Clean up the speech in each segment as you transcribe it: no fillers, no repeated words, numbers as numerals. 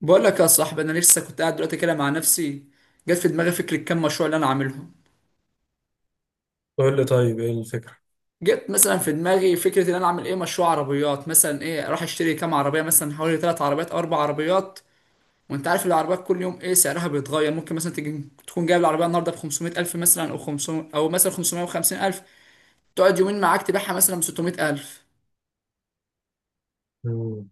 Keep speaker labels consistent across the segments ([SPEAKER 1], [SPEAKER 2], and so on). [SPEAKER 1] بقول لك يا صاحبي، انا لسه كنت قاعد دلوقتي كده مع نفسي. جت في دماغي فكره كام مشروع اللي انا عاملهم.
[SPEAKER 2] قول لي طيب ايه الفكرة؟
[SPEAKER 1] جت مثلا في دماغي فكره ان انا اعمل ايه مشروع عربيات، مثلا ايه، اروح اشتري كام عربيه، مثلا حوالي 3 عربيات او 4 عربيات. وانت عارف العربيات كل يوم ايه سعرها بيتغير، ممكن مثلا تيجي تكون جايب العربيه النهارده ب 500 الف مثلا، او 500، او مثلا 550 الف. تقعد يومين معاك تبيعها مثلا ب 600 الف.
[SPEAKER 2] مم.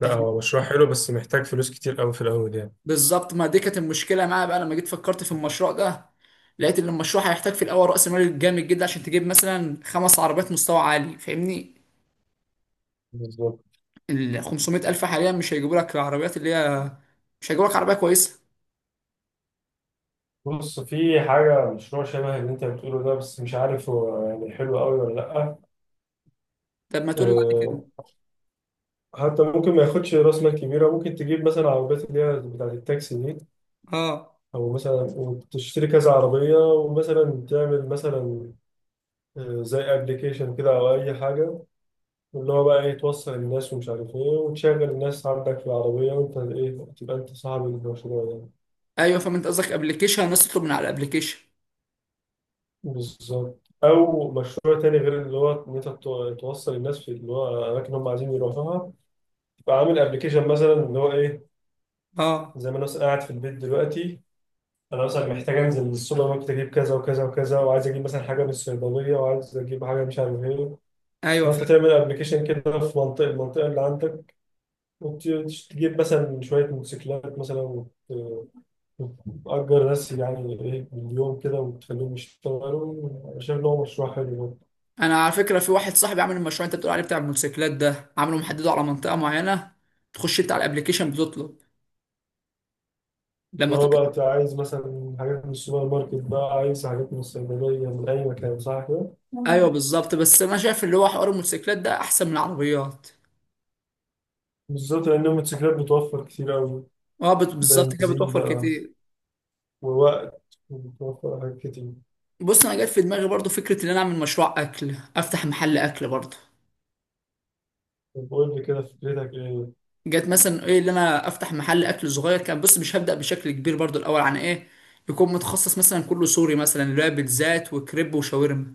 [SPEAKER 2] لا، هو مشروع حلو بس محتاج فلوس كتير قوي في الأول يعني.
[SPEAKER 1] بالظبط، ما دي كانت المشكله معايا بقى لما جيت فكرت في المشروع ده. لقيت ان المشروع هيحتاج في الاول راس مال جامد جدا عشان تجيب مثلا 5 عربيات مستوى عالي، فاهمني؟
[SPEAKER 2] بالظبط.
[SPEAKER 1] ال 500 الف حاليا مش هيجيبوا لك العربيات اللي هي، مش هيجيبوا لك عربيه كويسه.
[SPEAKER 2] بص، في حاجة مشروع شبه اللي أنت بتقوله ده، بس مش عارف هو يعني حلو أوي ولا لأ.
[SPEAKER 1] طب ما تقول لي بعد كده.
[SPEAKER 2] أه. حتى ممكن ما ياخدش رأس مال كبيرة، ممكن تجيب مثلا عربيات اللي هي بتاعة التاكسي دي،
[SPEAKER 1] اه،
[SPEAKER 2] أو مثلا وتشتري كذا عربية ومثلا تعمل مثلا، زي أبلكيشن كده أو أي حاجة، اللي هو بقى إيه، توصل الناس ومش عارف إيه، وتشغل الناس عندك في العربية، وأنت إيه تبقى أنت صاحب المشروع يعني.
[SPEAKER 1] ايوه فاهم، انت قصدك ابلكيشن الناس تطلب من على الابلكيشن.
[SPEAKER 2] بالظبط. او مشروع تاني غير اللي هو ان انت توصل الناس في اللي هو الاماكن اللي هم عايزين يروحوها. فعامل ابلكيشن مثلا اللي هو ايه،
[SPEAKER 1] اه،
[SPEAKER 2] زي ما انا مثلاً قاعد في البيت دلوقتي. انا مثلا محتاج انزل السوبر ماركت، اجيب كذا وكذا وكذا، وعايز اجيب مثلا حاجه من الصيدليه، وعايز اجيب حاجه مش عارف ايه.
[SPEAKER 1] ايوه
[SPEAKER 2] فانت
[SPEAKER 1] فاهم.
[SPEAKER 2] تعمل ابلكيشن كده في المنطقه اللي عندك، وتجيب مثلا شويه موتوسيكلات مثلا وتأجر ناس يعني ايه باليوم كده، وتخليهم يشتغلوا. أنا شايف إن هو مشروع حلو.
[SPEAKER 1] انا على فكره في واحد صاحبي عامل المشروع انت بتقول عليه بتاع الموتوسيكلات ده، عامله محدده على منطقه معينه. تخش انت على الابلكيشن بتطلب لما.
[SPEAKER 2] هو بقى أنت عايز مثلا حاجات من السوبر ماركت، بقى عايز حاجات من الصيدلية من أي مكان، صح كده؟
[SPEAKER 1] ايوه بالظبط، بس انا شايف اللي هو حوار الموتوسيكلات ده احسن من العربيات.
[SPEAKER 2] بالظبط لأن الموتوسيكلات بتوفر كتير أوي.
[SPEAKER 1] اه، بالظبط كده
[SPEAKER 2] بنزين
[SPEAKER 1] بتوفر
[SPEAKER 2] بقى،
[SPEAKER 1] كتير.
[SPEAKER 2] ووقت، وبتوفر حاجات كتير.
[SPEAKER 1] بص، انا جت في دماغي برضو فكره ان انا اعمل مشروع اكل، افتح محل اكل برضو.
[SPEAKER 2] طب قول لي كده فكرتك إيه؟
[SPEAKER 1] جت مثلا ايه اللي انا افتح محل اكل صغير كان، بص مش هبدا بشكل كبير برضو الاول، عن ايه؟ يكون متخصص مثلا كله سوري، مثلا اللي هو بيتزات وكريب وشاورما.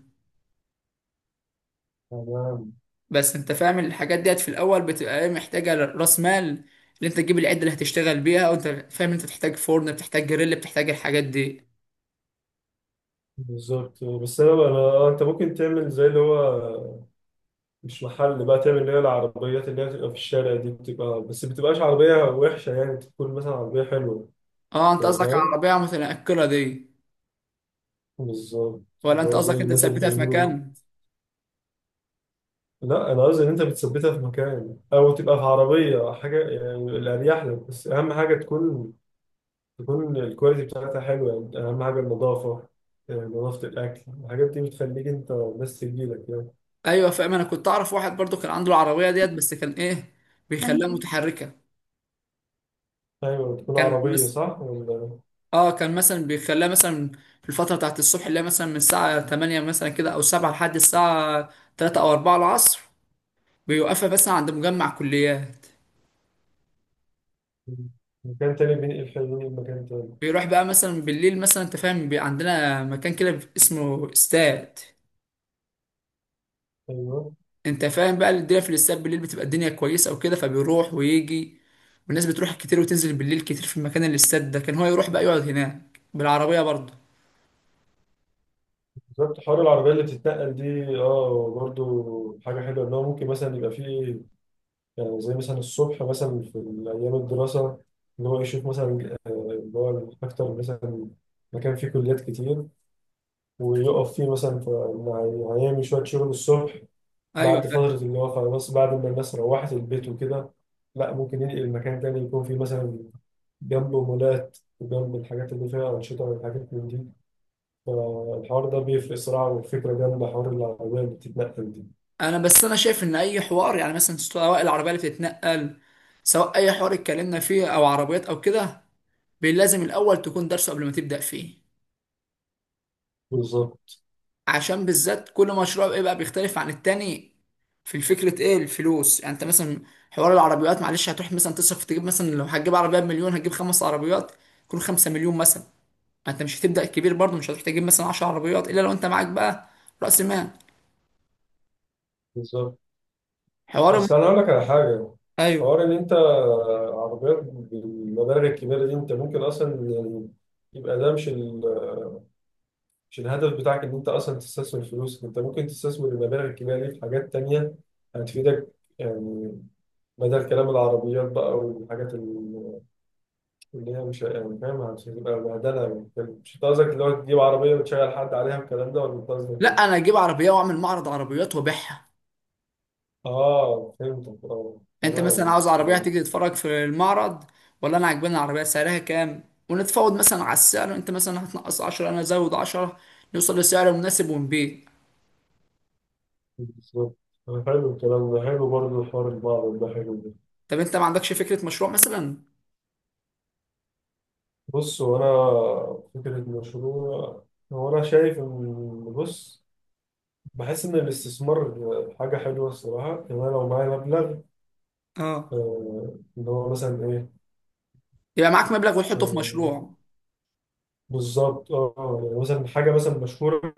[SPEAKER 2] تمام.
[SPEAKER 1] بس انت فاهم الحاجات ديت في الاول بتبقى ايه، محتاجه راس مال. اللي انت تجيب العده اللي هتشتغل بيها، وانت فاهم انت بتحتاج فرن، بتحتاج جريل، بتحتاج الحاجات دي.
[SPEAKER 2] بالظبط. بس أنا بقى أنا، أنت ممكن تعمل زي اللي هو، مش محل بقى، تعمل اللي هي العربيات اللي هي بتبقى في الشارع دي، بتبقى بس بتبقاش عربية وحشة، يعني تكون مثلا عربية حلوة.
[SPEAKER 1] اه انت
[SPEAKER 2] يعني
[SPEAKER 1] قصدك على
[SPEAKER 2] فاهم؟
[SPEAKER 1] العربية متنقلة دي؟
[SPEAKER 2] بالظبط.
[SPEAKER 1] ولا
[SPEAKER 2] اللي
[SPEAKER 1] انت
[SPEAKER 2] هو زي
[SPEAKER 1] قصدك انت
[SPEAKER 2] الناس اللي
[SPEAKER 1] تثبتها في
[SPEAKER 2] بيعملوا.
[SPEAKER 1] مكان؟
[SPEAKER 2] لا انا قصدي ان انت بتثبتها في مكان او تبقى في عربيه حاجه يعني الاريح لك، بس اهم حاجه تكون الكواليتي بتاعتها حلوه، يعني اهم حاجه النظافه. نظافه الاكل، الحاجات دي بتخليك انت بس تجيلك يعني.
[SPEAKER 1] ايوه فاهم. انا كنت اعرف واحد برضو كان عنده العربية ديت، بس كان ايه، بيخليها متحركة.
[SPEAKER 2] ايوه، تكون
[SPEAKER 1] كان
[SPEAKER 2] عربيه صح ولا
[SPEAKER 1] اه، كان مثلا بيخليها مثلا في الفترة بتاعت الصبح، اللي هي مثلا من الساعة 8 مثلا كده او 7، لحد الساعة 3 او 4 العصر. بيوقفها مثلا عند مجمع كليات.
[SPEAKER 2] مكان تاني، بينقل حلوين مكان تاني.
[SPEAKER 1] بيروح بقى مثلا بالليل، مثلا انت فاهم عندنا مكان كده اسمه استاد.
[SPEAKER 2] ايوه
[SPEAKER 1] انت فاهم بقى الدنيا في الاستاد بالليل بتبقى الدنيا كويسه وكده، فبيروح ويجي. والناس بتروح كتير وتنزل بالليل كتير في مكان الاستاد ده، كان هو يروح بقى يقعد هناك بالعربيه برضه.
[SPEAKER 2] بالظبط. حوار العربيه اللي بتتنقل دي، اه، برضو حاجه حلوه ان هو ممكن مثلا يبقى فيه. يعني زي مثلا الصبح مثلا في أيام الدراسة، إن هو يشوف مثلا اللي هو أكتر مثلا مكان فيه كليات كتير، ويقف فيه مثلا هيعمل شوية شغل الصبح.
[SPEAKER 1] ايوه
[SPEAKER 2] بعد فترة
[SPEAKER 1] فاهم.
[SPEAKER 2] اللي هو خلاص بعد ما الناس روحت البيت وكده، لا، ممكن ينقل مكان تاني يكون فيه مثلا جنبه مولات، وجنب الحاجات اللي فيها أنشطة والحاجات من دي. فالحوار ده بيفرق صراحة، والفكرة جنب حوار العربية اللي بتتنقل دي.
[SPEAKER 1] انا بس انا شايف ان اي حوار، يعني مثلا سواء العربيه اللي بتتنقل، سواء اي حوار اتكلمنا فيه او عربيات او كده، لازم الاول تكون درسه قبل ما تبدا فيه.
[SPEAKER 2] بالظبط.
[SPEAKER 1] عشان بالذات كل مشروع بيبقى بيختلف عن التاني في الفكرة، ايه الفلوس يعني. انت مثلا حوار العربيات، معلش هتروح مثلا تصرف تجيب مثلا لو هتجيب عربية بمليون، هتجيب 5 عربيات كل خمسة مليون مثلا. انت مش هتبدأ كبير برضه، مش هتروح تجيب مثلا 10 عربيات الا لو انت معاك بقى رأس مال.
[SPEAKER 2] بالظبط.
[SPEAKER 1] حوار الم...
[SPEAKER 2] بس انا اقول لك على حاجه،
[SPEAKER 1] ايوه.
[SPEAKER 2] حوار ان انت عربيات بالمبالغ الكبيره دي، انت ممكن اصلا يعني، يبقى ده مش ال... مش الهدف بتاعك ان انت اصلا تستثمر فلوسك. انت ممكن تستثمر المبالغ الكبيره دي في حاجات تانية هتفيدك يعني، بدل كلام العربيات بقى والحاجات اللي هي مش يعني فاهم مش هتبقى بهدله. يعني مش أنت قصدك اللي هو تجيب عربيه وتشغل حد عليها الكلام ده، ولا أنت قصدك
[SPEAKER 1] لا،
[SPEAKER 2] إيه؟
[SPEAKER 1] انا اجيب عربية واعمل معرض عربيات وابيعها.
[SPEAKER 2] اه، فهمتك، اه
[SPEAKER 1] انت مثلا
[SPEAKER 2] تمام.
[SPEAKER 1] عاوز عربيه هتيجي تتفرج في المعرض، ولا انا عاجباني العربيه سعرها كام، ونتفاوض مثلا على السعر، انت مثلا هتنقص 10 انا ازود 10، نوصل لسعر مناسب ونبيع.
[SPEAKER 2] بالظبط. أنا حلو الكلام ده، حلو برضه، الحوار البعض ده حلو ده.
[SPEAKER 1] طب انت ما عندكش فكره مشروع مثلا؟
[SPEAKER 2] بص وأنا، فكرة المشروع، هو أنا شايف إن، بص، بحس إن الاستثمار حاجة حلوة الصراحة، إن أنا لو معايا مبلغ،
[SPEAKER 1] اه،
[SPEAKER 2] اللي هو مثلا إيه،
[SPEAKER 1] يبقى معاك مبلغ وتحطه في
[SPEAKER 2] آه،
[SPEAKER 1] مشروع.
[SPEAKER 2] بالظبط. أه يعني مثلا حاجة مثلا مشهورة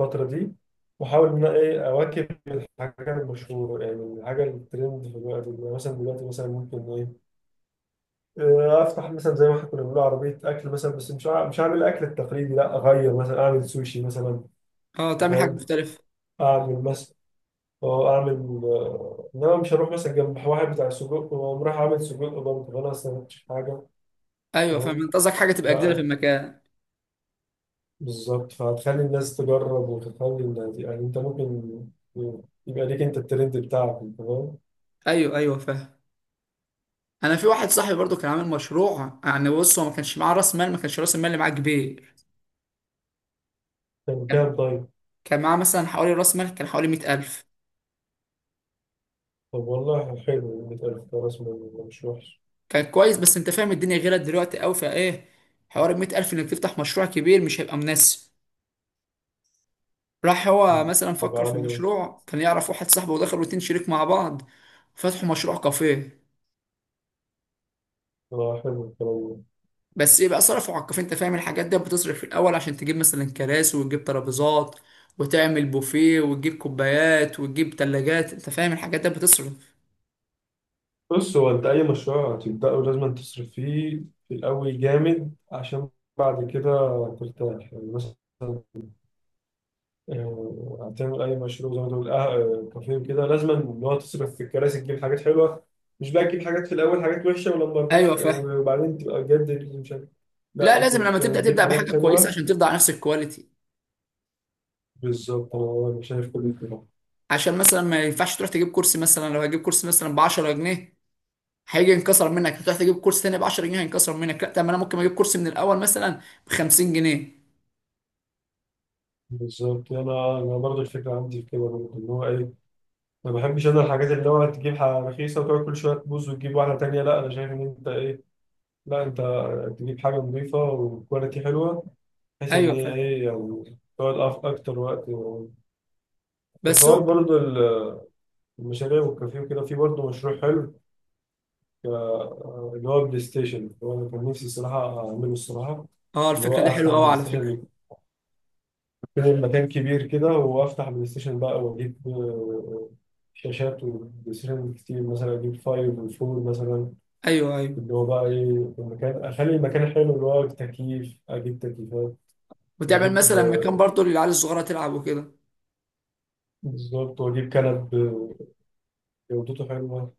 [SPEAKER 2] الفترة دي، وأحاول إن أنا إيه أواكب الحاجة المشهورة، يعني الحاجة الترند في الوقت ده. يعني مثلا دلوقتي مثلا ممكن إيه، افتح مثلا زي ما احنا كنا بنقول عربيه اكل مثلا، بس مش هعمل الاكل التقليدي، لا، اغير مثلا اعمل سوشي مثلا.
[SPEAKER 1] اه،
[SPEAKER 2] أنت
[SPEAKER 1] تعمل حاجه
[SPEAKER 2] فاهم،
[SPEAKER 1] مختلفه.
[SPEAKER 2] اعمل مثلا، اه اعمل، انما مش هروح مثلا جنب واحد بتاع سجق واقوم رايح اعمل سجق برضه، فانا اصلا ما كنتش حاجه.
[SPEAKER 1] ايوه فاهم،
[SPEAKER 2] تمام.
[SPEAKER 1] انت قصدك حاجه تبقى جديده في
[SPEAKER 2] لا.
[SPEAKER 1] المكان.
[SPEAKER 2] بالظبط. فهتخلي الناس تجرب وتخلي الناس، يعني انت ممكن يبقى ليك انت الترند بتاعك. تمام.
[SPEAKER 1] ايوه ايوه فاهم. انا في واحد صاحبي برضو كان عامل مشروع يعني، بص هو ما كانش معاه راس مال، ما كانش راس المال اللي معاه كبير.
[SPEAKER 2] كان
[SPEAKER 1] كان
[SPEAKER 2] كام طيب؟
[SPEAKER 1] كان معاه مثلا حوالي راس مال، كان حوالي 100,000.
[SPEAKER 2] طب والله حلو، 100,000 خلاص، مش وحش.
[SPEAKER 1] كان كويس، بس انت فاهم الدنيا غيرت دلوقتي قوي، فايه حوار ال 100,000، انك تفتح مشروع كبير مش هيبقى مناسب. راح هو
[SPEAKER 2] مم.
[SPEAKER 1] مثلا
[SPEAKER 2] طب
[SPEAKER 1] فكر في
[SPEAKER 2] عمل ايه؟
[SPEAKER 1] المشروع، كان يعرف واحد صاحبه، ودخلوا اتنين شريك مع بعض. فتحوا مشروع كافيه.
[SPEAKER 2] اه حلو الكلام ده.
[SPEAKER 1] بس ايه بقى، صرفوا على الكافيه، انت فاهم الحاجات دي بتصرف في الاول، عشان تجيب مثلا كراسي وتجيب ترابيزات وتعمل بوفيه وتجيب كوبايات وتجيب تلاجات، انت فاهم الحاجات دي بتصرف.
[SPEAKER 2] بص، هو انت اي مشروع هتبدأه لازم تصرف فيه في الاول جامد، عشان بعد كده ترتاح. يعني مثلا هتعمل اي مشروع زي ما تقول، كافيه كده، لازم ان هو تصرف في الكراسي، تجيب حاجات حلوه، مش بقى تجيب حاجات في الاول حاجات وحشه، ولما
[SPEAKER 1] ايوه
[SPEAKER 2] ربنا
[SPEAKER 1] فاهم.
[SPEAKER 2] وبعدين تبقى بجد اللي مش عارف. لا،
[SPEAKER 1] لا
[SPEAKER 2] انت
[SPEAKER 1] لازم، لما
[SPEAKER 2] يعني
[SPEAKER 1] تبدا
[SPEAKER 2] تجيب
[SPEAKER 1] تبدا بحاجه
[SPEAKER 2] حاجات
[SPEAKER 1] كويسه
[SPEAKER 2] حلوه.
[SPEAKER 1] عشان تفضل على نفس الكواليتي.
[SPEAKER 2] بالظبط. أنا شايف كل كده.
[SPEAKER 1] عشان مثلا ما ينفعش تروح تجيب كرسي مثلا، لو هجيب كرسي مثلا ب 10 جنيه هيجي ينكسر منك، هتروح تجيب كورس تاني ب 10 جنيه هينكسر منك، لا، طب ما انا ممكن اجيب كورس من الاول مثلا ب 50 جنيه.
[SPEAKER 2] بالظبط. انا برضه الفكره عندي في كده برضه، ان هو ايه، ما بحبش انا الحاجات اللي هو تجيب حاجة رخيصة وتقعد كل شوية تبوظ وتجيب واحدة تانية. لا أنا شايف إن أنت إيه، لا أنت تجيب حاجة نظيفة وكواليتي حلوة، بحيث إن
[SPEAKER 1] ايوه
[SPEAKER 2] هي
[SPEAKER 1] فاهم.
[SPEAKER 2] إيه، يعني تقعد أكتر وقت.
[SPEAKER 1] بس هو،
[SPEAKER 2] والحوار برضه المشاريع والكافيه وكده، في برضه مشروع حلو، ك- اللي هو بلاي ستيشن. اللي هو أنا كان نفسي الصراحة أعمله الصراحة.
[SPEAKER 1] اه
[SPEAKER 2] اللي هو
[SPEAKER 1] الفكره دي
[SPEAKER 2] أفتح
[SPEAKER 1] حلوه قوي
[SPEAKER 2] بلاي
[SPEAKER 1] على فكره.
[SPEAKER 2] ستيشن، يكون مكان كبير كده، وأفتح بلاي ستيشن بقى وأجيب شاشات وبلاي ستيشن كتير، مثلا أجيب فايف وفور مثلا.
[SPEAKER 1] ايوه ايوه.
[SPEAKER 2] اللي هو بقى ايه في المكان، اخلي المكان حلو، اللي هو تكييف، اجيب تكييفات،
[SPEAKER 1] وتعمل
[SPEAKER 2] واجيب
[SPEAKER 1] مثلا مكان برضه للعيال الصغيره تلعب وكده.
[SPEAKER 2] بالظبط واجيب كنب جودته حلوه.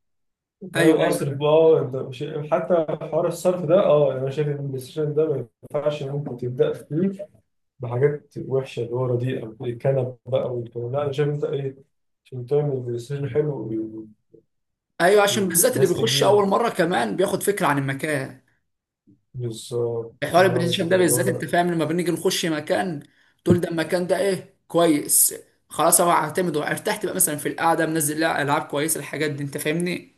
[SPEAKER 2] فاهم،
[SPEAKER 1] ايوه ايوه
[SPEAKER 2] اصرف بقى،
[SPEAKER 1] فاهم.
[SPEAKER 2] انت حتى حوار الصرف ده اه، يعني انا شايف ان البلاي ستيشن ده ما ينفعش ممكن تبدا فيه بحاجات وحشه اللي هو رديئه الكنب بقى والكلام ده. لا انا شايف انت ايه، عشان تعمل بلاي ستيشن حلو
[SPEAKER 1] ايوه، عشان بالذات اللي
[SPEAKER 2] والناس
[SPEAKER 1] بيخش
[SPEAKER 2] تجي لك.
[SPEAKER 1] اول مره كمان بياخد فكره عن المكان.
[SPEAKER 2] بالظبط
[SPEAKER 1] حوار
[SPEAKER 2] انا
[SPEAKER 1] البلاي
[SPEAKER 2] قصدي
[SPEAKER 1] ستيشن ده
[SPEAKER 2] كده اللي
[SPEAKER 1] بالذات، انت
[SPEAKER 2] هو،
[SPEAKER 1] فاهم لما بنيجي نخش مكان، تقول ده المكان ده ايه كويس، خلاص انا هعتمد وارتحت بقى، مثلا في القعده منزل لها العاب كويسه، الحاجات دي انت فاهمني.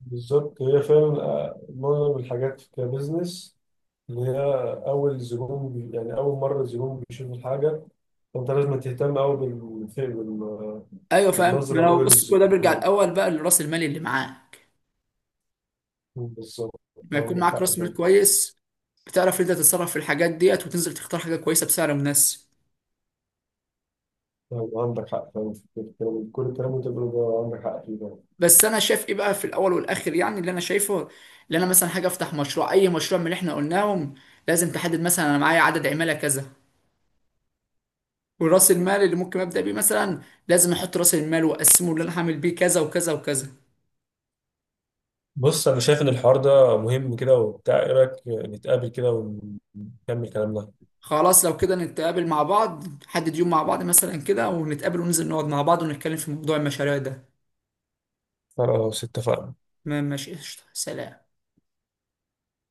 [SPEAKER 2] بالظبط. هي فعلا معظم الحاجات كبزنس، إن هي أول زبون بي، يعني أول مرة الزبون بيشوف الحاجة، فأنت لازم تهتم أوي
[SPEAKER 1] ايوه فاهم. ما
[SPEAKER 2] بالنظرة
[SPEAKER 1] انا
[SPEAKER 2] الأولى
[SPEAKER 1] بص، كل ده بيرجع
[SPEAKER 2] للزبون.
[SPEAKER 1] الاول بقى لراس المال اللي معاك.
[SPEAKER 2] بالظبط.
[SPEAKER 1] لما يكون
[SPEAKER 2] عندك
[SPEAKER 1] معاك
[SPEAKER 2] حق
[SPEAKER 1] راس
[SPEAKER 2] فعلا.
[SPEAKER 1] مال كويس، بتعرف انت تتصرف في الحاجات ديت وتنزل تختار حاجه كويسه بسعر مناسب.
[SPEAKER 2] طيب، عندك حق فعلا في كل الكلام اللي أنت بتقوله ده عندك حق فيه فعلا.
[SPEAKER 1] بس انا شايف ايه بقى، في الاول والاخر يعني، اللي انا شايفه، اللي انا مثلا حاجه افتح مشروع اي مشروع من اللي احنا قلناهم، لازم تحدد مثلا انا معايا عدد عماله كذا، وراس المال اللي ممكن ابدا بيه مثلا، لازم احط راس المال واقسمه اللي انا هعمل بيه كذا وكذا وكذا.
[SPEAKER 2] بص انا شايف ان الحوار ده مهم كده وبتاع، ايه رايك نتقابل كده ونكمل كلامنا؟
[SPEAKER 1] خلاص لو كده نتقابل مع بعض، نحدد يوم مع بعض مثلا كده، ونتقابل وننزل نقعد مع بعض ونتكلم في موضوع المشاريع ده.
[SPEAKER 2] خلاص اتفقنا.
[SPEAKER 1] تمام ماشي قشطة سلام.